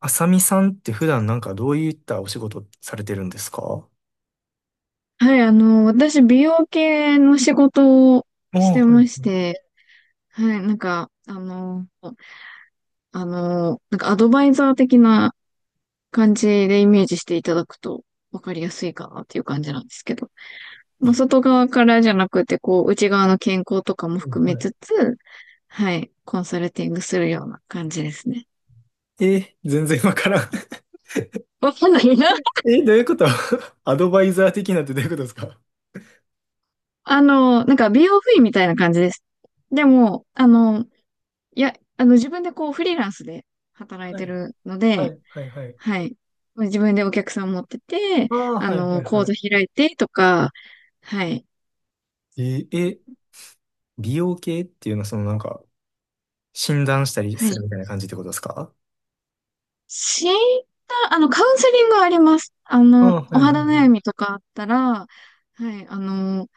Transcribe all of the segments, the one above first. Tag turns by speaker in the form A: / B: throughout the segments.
A: あさみさんって普段なんかどういったお仕事されてるんですか？
B: はい、私、美容系の仕事を
A: あ
B: し
A: あ、
B: て
A: は
B: まし
A: い、
B: て、はい、アドバイザー的な感じでイメージしていただくと分かりやすいかなっていう感じなんですけど、まあ、外側からじゃなくて、こう、内側の健康とかも
A: はい、
B: 含め
A: は
B: つつ、はい、コンサルティングするような感じですね。
A: い。えー、全然わからん。
B: わかんないな。
A: え、どういうこと？ アドバイザー的なんてどういうことですか？
B: なんか美容不意みたいな感じです。でも、あの、いや、あの、自分でこう、フリーランスで働い
A: は
B: て
A: い、
B: るの
A: は
B: で、
A: い、はい、はい。
B: はい。自分でお客さん持ってて、
A: ああ、はい、はい、
B: 講座
A: は
B: 開いてとか、はい。
A: い。えー、え、美容系っていうのはそのなんか診断したり
B: は
A: する
B: い。
A: みたいな感じってことですか？
B: 診断、カウンセリングはあります。
A: ああ、は
B: お
A: い、はい、は
B: 肌
A: い。
B: 悩みとかあったら、はい、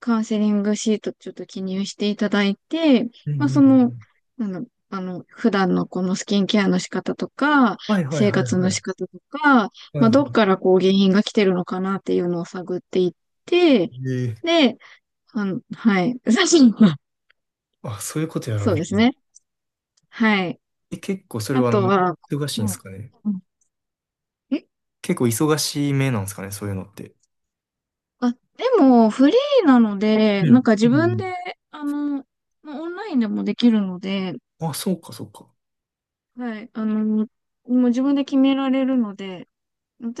B: カウンセリングシートちょっと記入していただいて、
A: うん
B: まあ、
A: うんう
B: その、
A: ん。
B: 普段のこのスキンケアの仕方とか、
A: はい、はい、
B: 生
A: はい、
B: 活の
A: はい。
B: 仕方とか、
A: はい、
B: まあ、
A: は
B: どっからこう原因が来てるのかなっていうのを探っていって、
A: い。えー、
B: で、うん、はい。写真は、
A: あ、そういうことやられ
B: そう
A: て
B: で
A: る。
B: すね。はい。
A: え、結構それ
B: あ
A: は
B: とは、
A: 忙しいんで
B: う
A: す
B: ん
A: かね？
B: うんえ
A: 結構忙しい目なんですかね、そういうのって。
B: あ、でも、フリーなので、
A: う
B: なん
A: ん。
B: か
A: う
B: 自分で、
A: ん。
B: あの、まあオンラインでもできるので、
A: あ、そうか、そうか。
B: はい、もう自分で決められるので、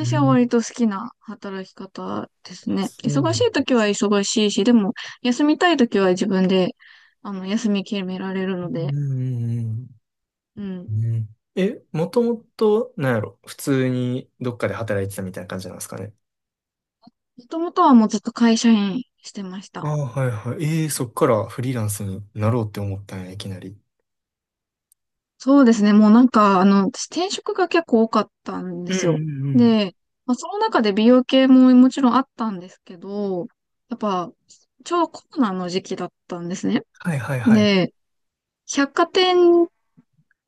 A: う
B: は
A: ん、
B: 割と好きな働き方です
A: あ
B: ね。
A: そう。
B: 忙しい時は忙しいし、でも、休みたい時は自分で、休み決められる
A: う
B: の
A: ん、
B: で、
A: うん、
B: うん。
A: うん。え、もともと、なんやろ、普通にどっかで働いてたみたいな感じなんですかね。
B: もともとはもうずっと会社員してまし
A: あ
B: た。
A: あ、はいはい。ええ、そっからフリーランスになろうって思ったんや、いきなり。
B: そうですね。もうなんか、あの、私転職が結構多かったんで
A: うん、う
B: すよ。
A: ん、うん。
B: で、まあ、その中で美容系ももちろんあったんですけど、やっぱ、ちょうどコロナの時期だったんですね。
A: はいはいはい。
B: で、百貨店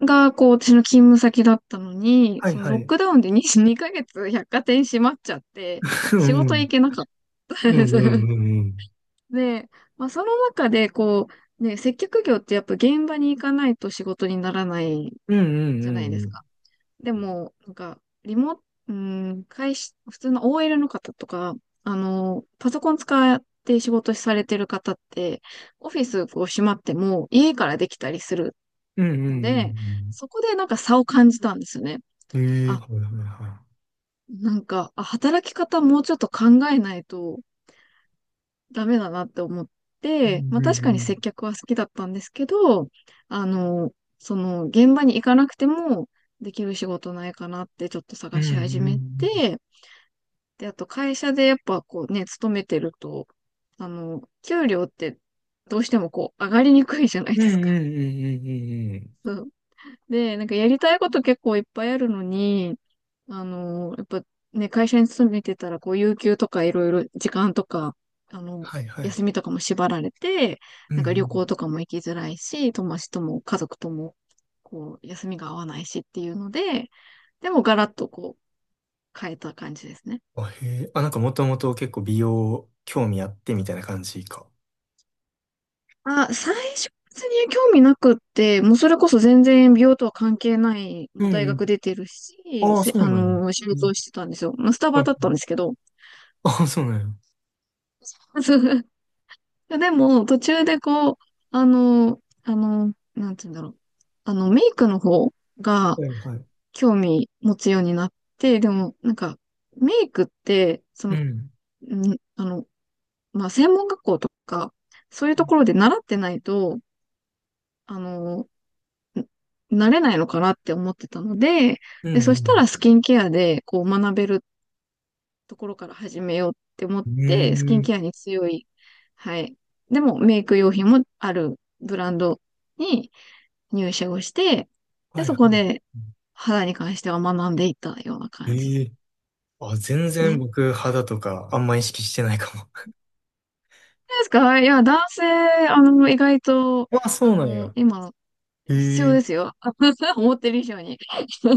B: がこう、私の勤務先だったのに、
A: は
B: そ
A: い
B: の
A: は
B: ロッ
A: い。
B: クダウンで2ヶ月百貨店閉まっちゃって、
A: う
B: 仕
A: んう
B: 事行
A: ん。
B: けなかったん
A: う
B: で
A: ん
B: す。
A: うんうん うん。
B: で、まあ、その中でこう、ね、接客業ってやっぱ現場に行かないと仕事にならない
A: うんうん
B: じ
A: う
B: ゃないで
A: んう
B: すか。
A: ん。
B: でも、なんか、リモ、うん、会社、普通の OL の方とか、パソコン使って仕事されてる方って、オフィスこう閉まっても家からできたりする
A: うんうん
B: の
A: う
B: で、
A: ん
B: そこでなんか差を感じたんですよね。
A: うん。ええ、
B: あ、
A: はいはいはい。
B: なんか、あ、働き方もうちょっと考えないとダメだなって思っ
A: う
B: て、ま
A: ん、う
B: あ確
A: ん、う
B: かに接
A: ん。
B: 客は好きだったんですけど、あの、その現場に行かなくてもできる仕事ないかなってちょっと
A: う
B: 探
A: ん、う
B: し始
A: んう
B: め
A: ん。
B: て、で、あと会社でやっぱこうね、勤めてると、給料ってどうしてもこう上がりにくいじゃない
A: うん
B: で
A: う
B: す
A: ん
B: か。
A: うんうんうんうん、
B: そう。で、なんかやりたいこと結構いっぱいあるのに、やっぱね、会社に勤めてたらこう有給とかいろいろ時間とか、あの、
A: はいはい。
B: 休みとかも縛られて、
A: うん
B: なんか
A: う
B: 旅
A: ん。
B: 行とかも行きづらいし、友達とも家族とも、こう、休みが合わないしっていうので、でもガラッとこう、変えた感じですね。
A: あ、へえ。あ、なんかもともと結構美容興味あってみたいな感じか。
B: あ、最初別に興味なくって、もうそれこそ全然美容とは関係ない、
A: う
B: もう
A: ん。う
B: 大
A: んう
B: 学
A: ん。
B: 出てるし、
A: ああ、
B: せ、
A: そう
B: あ
A: なんや。
B: のー仕
A: う
B: 事
A: ん。
B: をしてたんですよ。まあ、スタバ
A: はい
B: だっ
A: は
B: た
A: い。
B: んですけど。
A: ああ、そうなんや。
B: そう。でも、途中でこう、なんて言うんだろう。あの、メイクの方が
A: はいはい。
B: 興味持つようになって、でも、なんか、メイクって、そ
A: う
B: の、
A: ん。
B: んあの、まあ、専門学校とか、そういうところで習ってないと、あのー慣れないのかなって思ってたので、
A: う
B: で、
A: んう
B: そしたら
A: ん。
B: スキンケアでこう学べるところから始めようって思っ
A: う
B: て、スキ
A: ー
B: ン
A: ん。
B: ケアに強い、はい。でもメイク用品もあるブランドに入社をして、で、
A: はい
B: そ
A: は
B: こで肌に関しては学んでいったような
A: い。
B: 感じで
A: ええ。あ、全
B: す
A: 然
B: ね。ど
A: 僕肌とかあんま意識してないかも。
B: うですか？いや、男性、意外と、
A: ああ、そうなんや。
B: 今、
A: へ
B: 必要で
A: え。
B: すよ。思ってる以上に。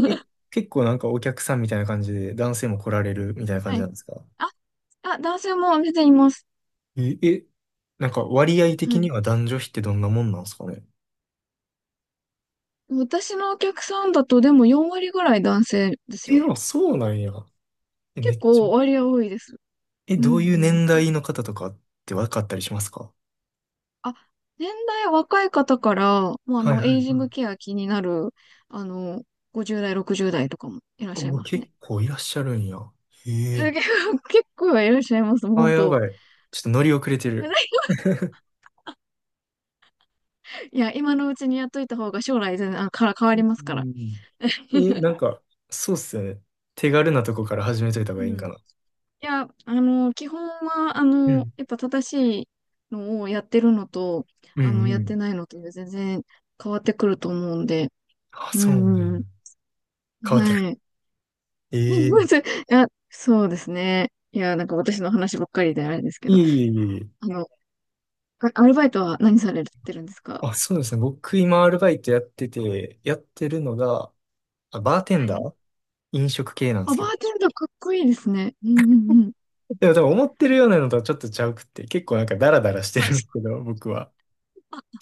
A: え、結構なんかお客さんみたいな感じで男性も来られるみたいな感
B: は
A: じな
B: い。
A: んですか？
B: あ、あ、男性も全然います。
A: え、え、なんか割合
B: は
A: 的に
B: い。
A: は男女比ってどんなもんなんですかね。
B: 私のお客さんだとでも4割ぐらい男性です
A: え、
B: よ。
A: あ、そうなんや。え、め
B: 結
A: っちゃ。
B: 構割合多いです。
A: え、
B: う
A: どういう
B: んう
A: 年
B: ん。
A: 代の方とかって分かったりしますか？
B: あ、年代若い方から、もうあ
A: はい
B: の、
A: はいは
B: エ
A: い。
B: イジングケア気になる、あの、50代、60代とかもいらっしゃい
A: お、
B: ます
A: 結
B: ね。
A: 構いらっしゃるんや。へえ。
B: 結構 結構いらっしゃいます、
A: あ、
B: 本
A: や
B: 当。
A: ばい。ちょっと乗り遅れてる。
B: いや、今のうちにやっといた方が将来全然、あ、から変わりま
A: う
B: すから。
A: ん、 え、なんか、そうっすよね。手軽なとこから始めといた方がいい
B: う
A: ん
B: ん。
A: か
B: い
A: な。
B: や、基本は、
A: うん。
B: やっぱ正しいのをやってるのと、
A: うんう
B: やっ
A: ん。
B: てないのとで全然変わってくると思うんで、
A: あ、
B: う
A: そうな
B: ん
A: ん
B: う
A: や。
B: んうん。
A: 変わってる。
B: はい。
A: え
B: まずい
A: え。
B: や、そうですね。いや、なんか私の話ばっかりであれですけど、
A: いえいえいえいえ。
B: あの、アルバイトは何されてるんですか？
A: あ、そうですね。僕今アルバイトやってて、やってるのが、あ、バーテン
B: は
A: ダ
B: い。
A: ー、飲食系なんで
B: あ、
A: す
B: バ
A: けど。
B: ーテンダーかっこいいですね。うんうんうん。
A: でも多分思ってるようなのとはちょっとちゃうくって、結構なんかダラダラしてるんです
B: あ
A: けど、僕は。
B: あ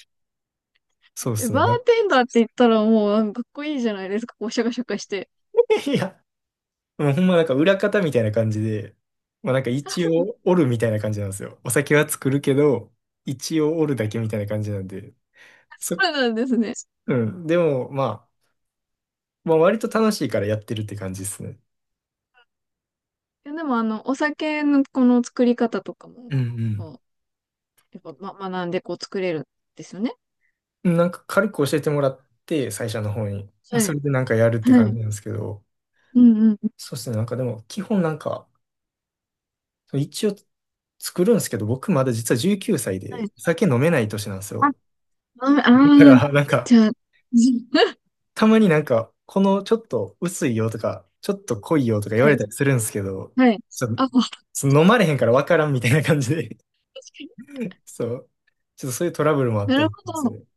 A: そうで
B: え
A: すね。
B: バー
A: なん、
B: テンダーって言ったらもう、なんかかっこいいじゃないですか。こう、シャカシャカして。
A: いや、もうほんまなんか裏方みたいな感じで、まあなんか一応 おるみたいな感じなんですよ。お酒は作るけど、一応おるだけみたいな感じなんで。
B: あ、そ
A: そ、
B: うそうなんですね。
A: うん。でもまあ、まあ割と楽しいからやってるって感じですね。
B: いやでもあの、お酒のこの作り方とかも、
A: う
B: こ
A: ん
B: う、やっぱ、ま、学んでこう作れるんですよね。
A: うん。なんか軽く教えてもらって、最初の方に。まあ
B: は
A: そ
B: い。
A: れでなんかやるって
B: は
A: 感
B: い。
A: じなんですけど、
B: うんうん。
A: そうですね。なんかでも基本なんか、一応作るんですけど、僕まだ実は19歳
B: はい。
A: で酒飲めない年なんです
B: あ、
A: よ。
B: ああ
A: だか
B: ー、
A: ら、なんか、
B: じゃあ、
A: たまになんか、このちょっと薄いよとか、ちょっと濃いよとか言わ
B: は
A: れ
B: い。
A: たりするんですけど、
B: はい。
A: ちょっ
B: あ、
A: と
B: もう確か
A: その飲まれへんからわからんみたいな感じで。
B: に。
A: そう。ちょっとそういうトラブルもあっ
B: な
A: た
B: る
A: り
B: ほ
A: す
B: ど。
A: る。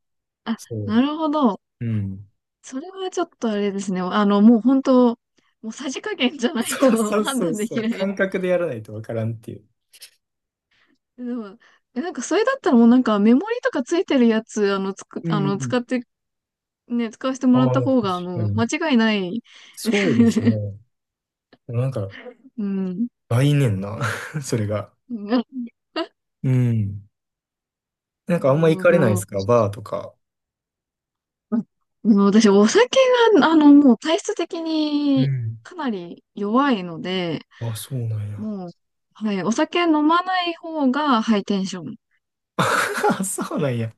B: あ、
A: そ
B: なるほど。
A: う。うん。
B: それはちょっとあれですね。もう本当、もうさじ加減じゃない
A: そう
B: と
A: そう
B: 判
A: そう
B: 断で
A: そ
B: き
A: う。
B: ない。
A: 感覚でやらないとわからんっていう。
B: でも、えなんかそれだったらもうなんかメモリとかついてるやつ、あの、つく、
A: う
B: あの、
A: ん。
B: 使ってね、使わせても
A: あ
B: らっ
A: あ、
B: た
A: 確
B: 方が、
A: かに。
B: 間違いない。
A: そうです ね。なんか、
B: うん。
A: 来年な、それが。うん。なんか
B: な
A: あ
B: る
A: んま行
B: ほ
A: かれないです
B: ど。
A: かバーとか。
B: うん私、お酒が、もう体質的
A: う
B: に
A: ん。
B: かなり弱いので、
A: あ、そうなんや。
B: もう、はい、お酒飲まない方がハイテンション。
A: そうなんや。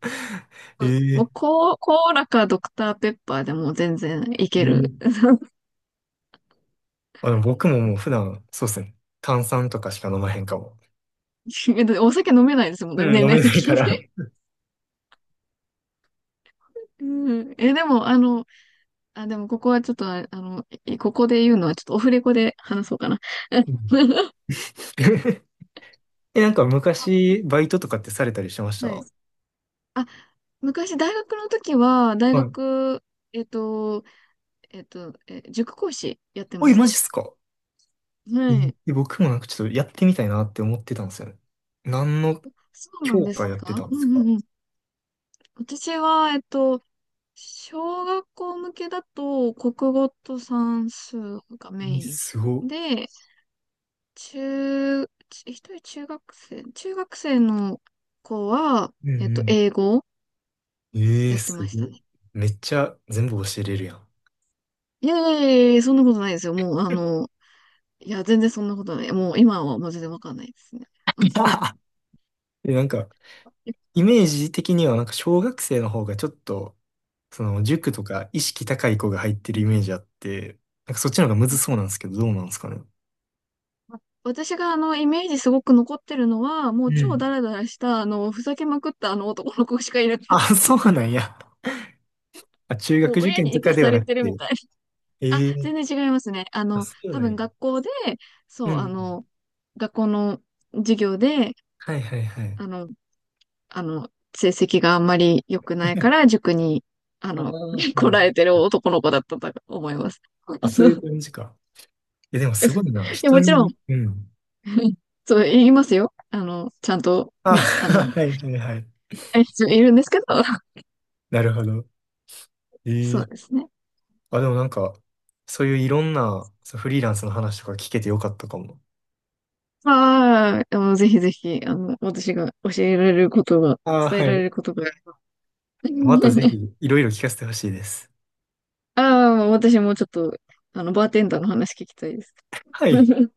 A: え
B: も
A: え、
B: う、コー、コーラかドクターペッパーでも全然い
A: え
B: ける。
A: え、あ、でも僕 ももう普段、そうですね。炭酸とかしか飲まへんかも。
B: お酒飲めないですもん
A: う
B: ね、
A: ん、
B: 年
A: 飲
B: 齢
A: めな
B: 的
A: いか
B: に。
A: ら。
B: うん、え、でも、あ、でもここはちょっとあ、えここで言うのはちょっとオフレコで話そうかな。
A: う ん。 え、なんか昔、バイトとかってされたりしてまし
B: はい。
A: た？
B: あ、昔大学の時は、大
A: はい。
B: 学、えっと、塾講師やって
A: お
B: ま
A: い、
B: し
A: マ
B: た。
A: ジっすか？え
B: はい。
A: え、僕もなんかちょっとやってみたいなって思ってたんですよね。何の
B: そうなん
A: 教
B: で
A: 科
B: す
A: やって
B: か？
A: たん
B: う
A: です
B: んう
A: か？
B: んうん。私は、えっと、小学校向けだと、国語と算数がメ
A: え、
B: イ
A: すごっ。
B: ンで、中、ち一人中学生、中学生の子は、
A: うん
B: えっ
A: う
B: と、
A: ん。
B: 英語を
A: ええ、
B: やって
A: す
B: まし
A: ご
B: た
A: っ。
B: ね。
A: めっちゃ全部教えれるやん。
B: いやいやいやいや、そんなことないですよ。もう、あの、いや、全然そんなことない。もう、今はもう全然わかんないですね。
A: で、なんか、
B: え
A: イメージ的には、なんか小学生の方がちょっと、その塾とか意識高い子が入って
B: う
A: るイ
B: ん
A: メージあって、なんかそっちの方がむず
B: い
A: そうなんですけど、どうなんですかね。
B: 私が、イメージすごく残ってるのは、も
A: う
B: う超ダ
A: ん。
B: ラダラした、あの、ふざけまくったあの男の子しかいなかっ
A: あ、
B: た。
A: そうなんや。あ、中
B: もう、
A: 学受
B: 親
A: 験
B: に
A: と
B: 生
A: か
B: か
A: で
B: さ
A: はな
B: れ
A: く
B: てるみ
A: て。
B: たい。あ、
A: ええ、
B: 全然違いますね。
A: あ、そう
B: 多
A: なん
B: 分
A: や。
B: 学校で、
A: う
B: そう、あ
A: ん。
B: の、学校の授業で、
A: はいはいはい。
B: あの、あの、成績があんまり良くないから、塾に、あ
A: あ
B: の、来
A: ー、
B: られてる男の子だったと思います。
A: あ、そういう感 じか。え、でも すご
B: い
A: いな。
B: や、
A: 人
B: もちろん、
A: に、うん。
B: そう、言いますよ。ちゃんと
A: あ、
B: ね、
A: はいはいはい。
B: えいるんですけど、
A: なるほど。
B: そう
A: え
B: で
A: え、
B: すね。
A: あ、でもなんか、そういういろんなそうフリーランスの話とか聞けてよかったかも。
B: まあ、ぜひぜひ、私が教えられることが、
A: ああ、
B: 伝え
A: は
B: られ
A: い。
B: ることが。
A: またぜ ひ、いろいろ聞かせてほしいです。
B: ああ、私もちょっと、バーテンダーの話聞きたいです。
A: はい。